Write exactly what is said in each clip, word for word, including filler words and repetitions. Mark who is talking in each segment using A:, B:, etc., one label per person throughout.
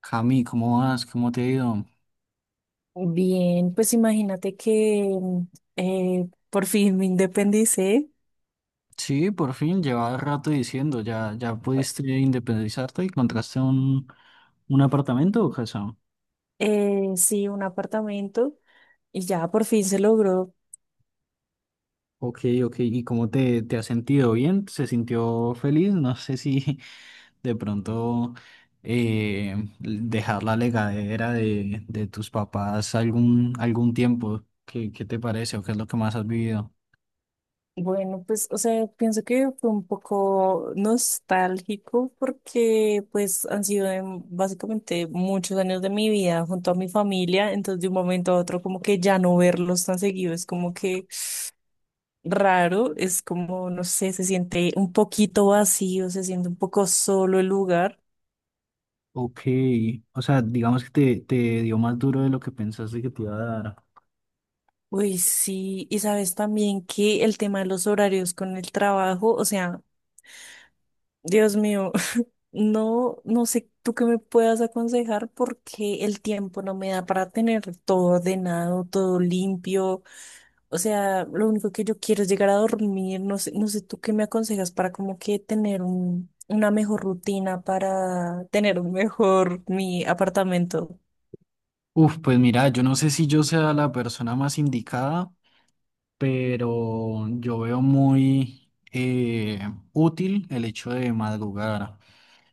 A: Cami, ¿cómo vas? ¿Cómo te ha ido?
B: Bien, pues imagínate que mm, eh, por fin me independicé.
A: Sí, por fin, llevaba rato diciendo, ya, ya pudiste independizarte y encontraste un, un apartamento o casa.
B: Eh, sí, un apartamento y ya por fin se logró.
A: Ok, ok, ¿y cómo te, te has sentido? ¿Bien? ¿Se sintió feliz? No sé si de pronto eh, dejar la legadera de, de tus papás algún, algún tiempo. ¿Qué, qué te parece o qué es lo que más has vivido?
B: Bueno, pues, o sea, pienso que fue un poco nostálgico porque pues han sido em, básicamente muchos años de mi vida junto a mi familia, entonces de un momento a otro como que ya no verlos tan seguido es como que raro, es como, no sé, se siente un poquito vacío, se siente un poco solo el lugar.
A: Ok, o sea, digamos que te, te dio más duro de lo que pensaste que te iba a dar.
B: Uy, sí, y sabes también que el tema de los horarios con el trabajo, o sea, Dios mío, no, no sé tú qué me puedas aconsejar porque el tiempo no me da para tener todo ordenado, todo limpio, o sea, lo único que yo quiero es llegar a dormir, no sé, no sé tú qué me aconsejas para como que tener un, una mejor rutina, para tener un mejor mi apartamento.
A: Uf, pues mira, yo no sé si yo sea la persona más indicada, pero yo veo muy eh, útil el hecho de madrugar,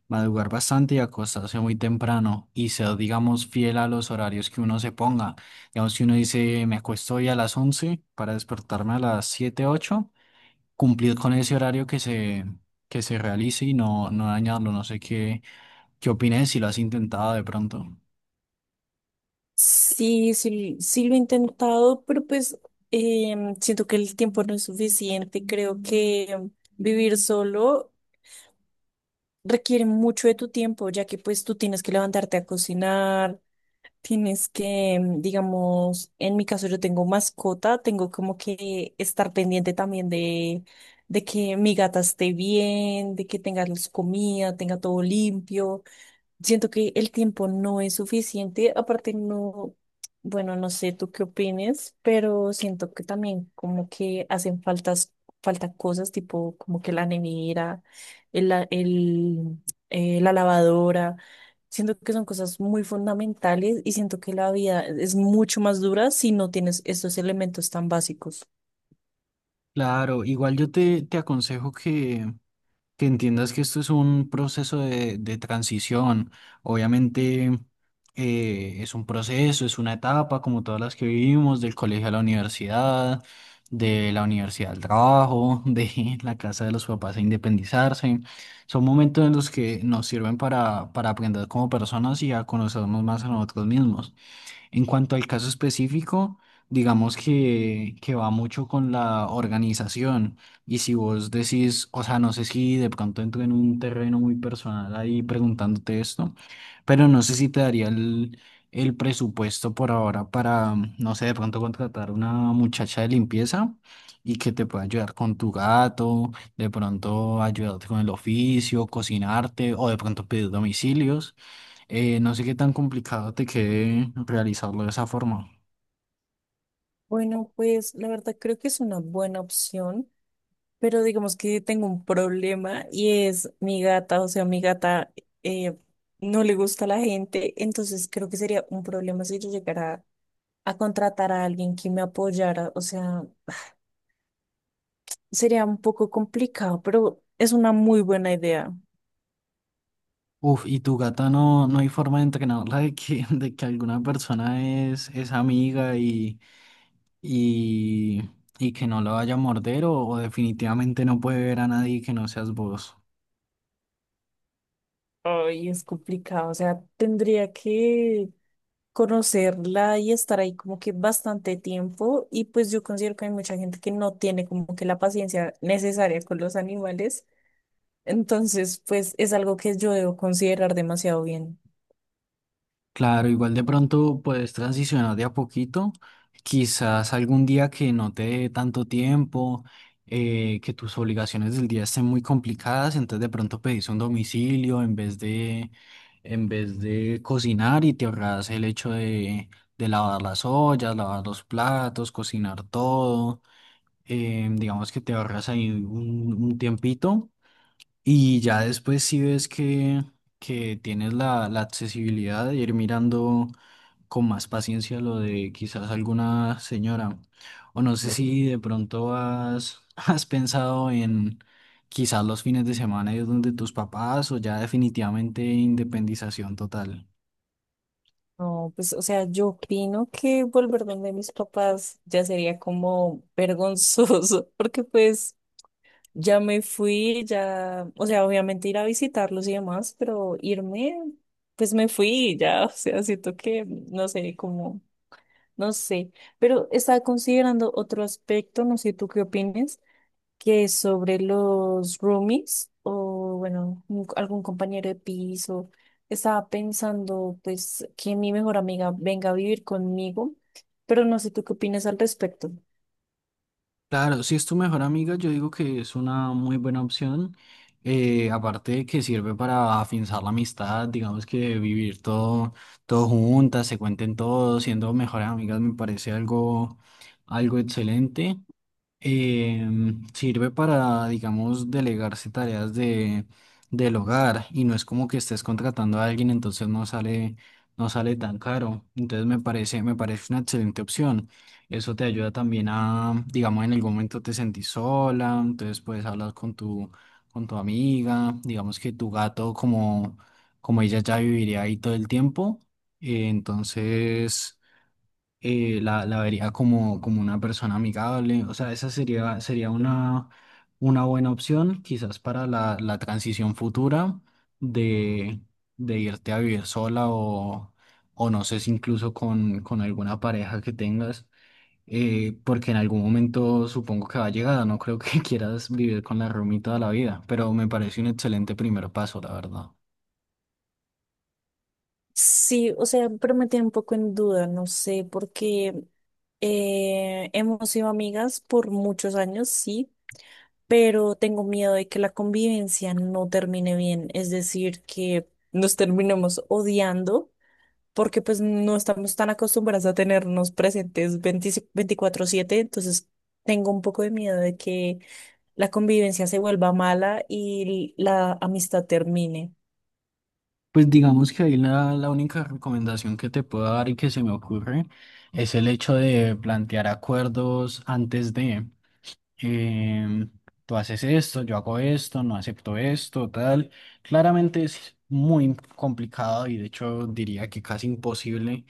A: madrugar bastante y acostarse muy temprano y ser, digamos, fiel a los horarios que uno se ponga. Digamos, si uno dice, me acuesto hoy a las once para despertarme a las siete ocho, cumplir con ese horario que se, que se realice y no, no dañarlo. No sé qué, qué opinas si lo has intentado de pronto.
B: Sí, sí, sí lo he intentado, pero pues em, siento que el tiempo no es suficiente. Creo que vivir solo requiere mucho de tu tiempo, ya que pues tú tienes que levantarte a cocinar, tienes que, em, digamos, en mi caso yo tengo mascota, tengo como que estar pendiente también de, de que mi gata esté bien, de que tenga su comida, tenga todo limpio. Siento que el tiempo no es suficiente, aparte no, bueno, no sé tú qué opines, pero siento que también como que hacen faltas, falta cosas tipo como que la nevera, el, la- el, eh, la lavadora, siento que son cosas muy fundamentales y siento que la vida es mucho más dura si no tienes estos elementos tan básicos.
A: Claro, igual yo te, te aconsejo que, que entiendas que esto es un proceso de, de transición. Obviamente eh, es un proceso, es una etapa como todas las que vivimos, del colegio a la universidad, de la universidad al trabajo, de la casa de los papás a independizarse. Son momentos en los que nos sirven para, para aprender como personas y a conocernos más a nosotros mismos. En cuanto al caso específico, digamos que, que va mucho con la organización. Y si vos decís, o sea, no sé si de pronto entro en un terreno muy personal ahí preguntándote esto, pero no sé si te daría el, el presupuesto por ahora para, no sé, de pronto contratar una muchacha de limpieza y que te pueda ayudar con tu gato, de pronto ayudarte con el oficio, cocinarte o de pronto pedir domicilios. Eh, no sé qué tan complicado te quede realizarlo de esa forma.
B: Bueno, pues la verdad creo que es una buena opción. Pero digamos que tengo un problema y es mi gata, o sea, mi gata eh, no le gusta a la gente, entonces creo que sería un problema si yo llegara a contratar a alguien que me apoyara, o sea, sería un poco complicado, pero es una muy buena idea.
A: Uf, y tu gata no, no hay forma de entrenarla de que, de que alguna persona es, es amiga y, y, y que no la vaya a morder o, o definitivamente no puede ver a nadie que no seas vos.
B: Ay, es complicado, o sea, tendría que conocerla y estar ahí como que bastante tiempo y pues yo considero que hay mucha gente que no tiene como que la paciencia necesaria con los animales. Entonces, pues es algo que yo debo considerar demasiado bien.
A: Claro, igual de pronto puedes transicionar de a poquito, quizás algún día que no te dé tanto tiempo, eh, que tus obligaciones del día estén muy complicadas, entonces de pronto pedís un domicilio en vez de, en vez de cocinar y te ahorras el hecho de, de lavar las ollas, lavar los platos, cocinar todo, eh, digamos que te ahorras ahí un, un tiempito y ya después si ves que, que tienes la, la accesibilidad de ir mirando con más paciencia lo de quizás alguna señora. O no sé si de pronto has, has pensado en quizás los fines de semana ir donde tus papás o ya definitivamente independización total.
B: No, pues, o sea, yo opino que volver donde mis papás ya sería como vergonzoso, porque pues ya me fui, ya, o sea, obviamente ir a visitarlos y demás, pero irme, pues me fui, ya, o sea, siento que, no sé, como, no sé, pero estaba considerando otro aspecto, no sé tú qué opines, que es sobre los roomies o, bueno, un- algún compañero de piso. Estaba pensando, pues, que mi mejor amiga venga a vivir conmigo, pero no sé tú qué opinas al respecto.
A: Claro, si es tu mejor amiga, yo digo que es una muy buena opción. Eh, aparte de que sirve para afianzar la amistad, digamos que vivir todo, todo juntas, se cuenten todo, siendo mejores amigas me parece algo, algo excelente. Em, sirve para, digamos, delegarse tareas de, del hogar y no es como que estés contratando a alguien, entonces no sale, no sale tan caro. Entonces me parece, me parece una excelente opción. Eso te ayuda también a, digamos, en algún momento te sentís sola, entonces puedes hablar con tu, con tu amiga, digamos que tu gato, como, como ella ya viviría ahí todo el tiempo, eh, entonces eh, la, la vería como, como una persona amigable. O sea, esa sería, sería una, una buena opción quizás para la, la transición futura de, de irte a vivir sola o, o no sé si incluso con, con alguna pareja que tengas. Eh, porque en algún momento supongo que va a llegar, no creo que quieras vivir con la roomie toda la vida, pero me parece un excelente primer paso, la verdad.
B: Sí, o sea, pero me tiene un poco en duda, no sé, porque eh, hemos sido amigas por muchos años, sí, pero tengo miedo de que la convivencia no termine bien, es decir, que nos terminemos odiando, porque pues no estamos tan acostumbradas a tenernos presentes 20 veinticuatro siete, entonces tengo un poco de miedo de que la convivencia se vuelva mala y la amistad termine.
A: Pues digamos que ahí la, la única recomendación que te puedo dar y que se me ocurre es el hecho de plantear acuerdos antes de, em, tú haces esto, yo hago esto, no acepto esto, tal. Claramente es muy complicado y de hecho diría que casi imposible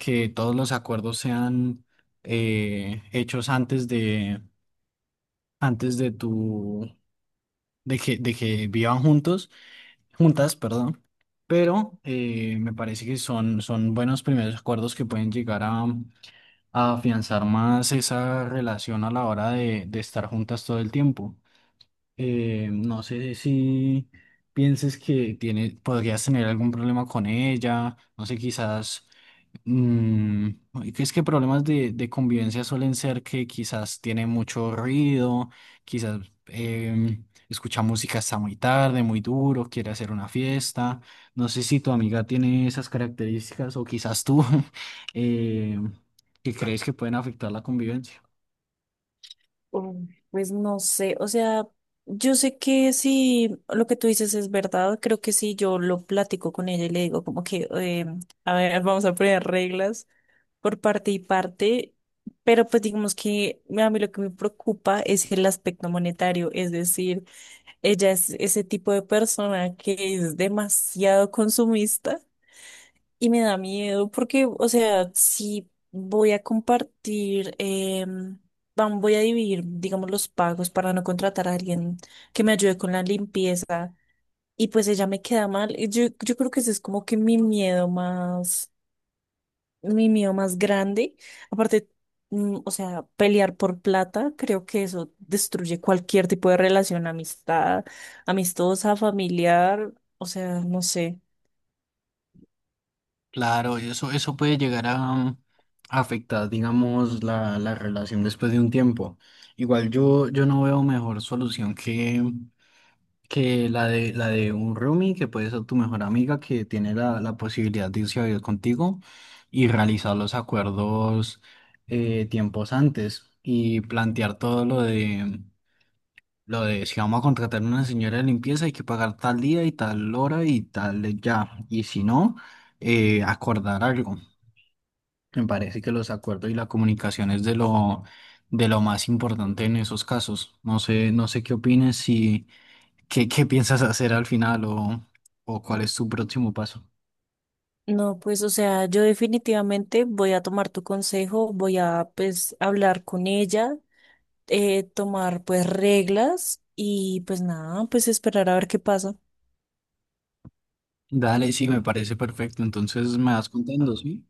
A: que todos los acuerdos sean eh, hechos antes de, antes de tu, de que, de que vivan juntos juntas, perdón, pero eh, me parece que son, son buenos primeros acuerdos que pueden llegar a, a afianzar más esa relación a la hora de, de estar juntas todo el tiempo. Eh, no sé si pienses que tiene, podrías tener algún problema con ella, no sé, quizás. Mm, ay, que es que problemas de, de convivencia suelen ser que quizás tiene mucho ruido, quizás em, escucha música hasta muy tarde, muy duro, quiere hacer una fiesta. No sé si tu amiga tiene esas características o quizás tú em, que crees que pueden afectar la convivencia.
B: Mm, pues no sé, o sea, yo sé que si lo que tú dices es verdad, creo que si yo lo platico con ella y le digo como que, eh, a ver, vamos a poner reglas por parte y parte, pero pues digamos que a mí lo que me preocupa es el aspecto monetario, es decir, ella es ese tipo de persona que es demasiado consumista y me da miedo porque, o sea, si voy a compartir, em, vam- voy a dividir, digamos, los pagos para no contratar a alguien que me ayude con la limpieza y pues ella me queda mal. y Yo, yo creo que ese es como que mi miedo más, mi miedo más grande. Aparte, mm, o sea, pelear por plata, creo que eso destruye cualquier tipo de relación, amistad, amistosa, familiar, o sea, no sé.
A: Claro, eso, eso puede llegar a afectar, digamos, la, la relación después de un tiempo. Igual yo, yo no veo mejor solución que Que la de, la de un roomie, que puede ser tu mejor amiga, que tiene la, la posibilidad de irse a vivir contigo y realizar los acuerdos eh, tiempos antes y plantear todo lo de, lo de si vamos a contratar una señora de limpieza hay que pagar tal día y tal hora y tal ya. Y si no, eh, acordar algo. Me parece que los acuerdos y la comunicación es de lo, de lo más importante en esos casos. No sé, no sé qué opines si... ¿Qué, qué piensas hacer al final o, o cuál es tu próximo paso?
B: No, pues, o sea, yo definitivamente voy a tomar tu consejo, voy a, pues, hablar con ella, eh, tomar, pues, reglas y, pues, nada, pues, esperar a ver qué pasa.
A: Dale, sí, me parece perfecto. Entonces me vas contando, ¿sí?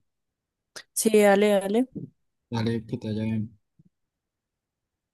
B: Sí, dale, dale.
A: Dale, que te haya bien.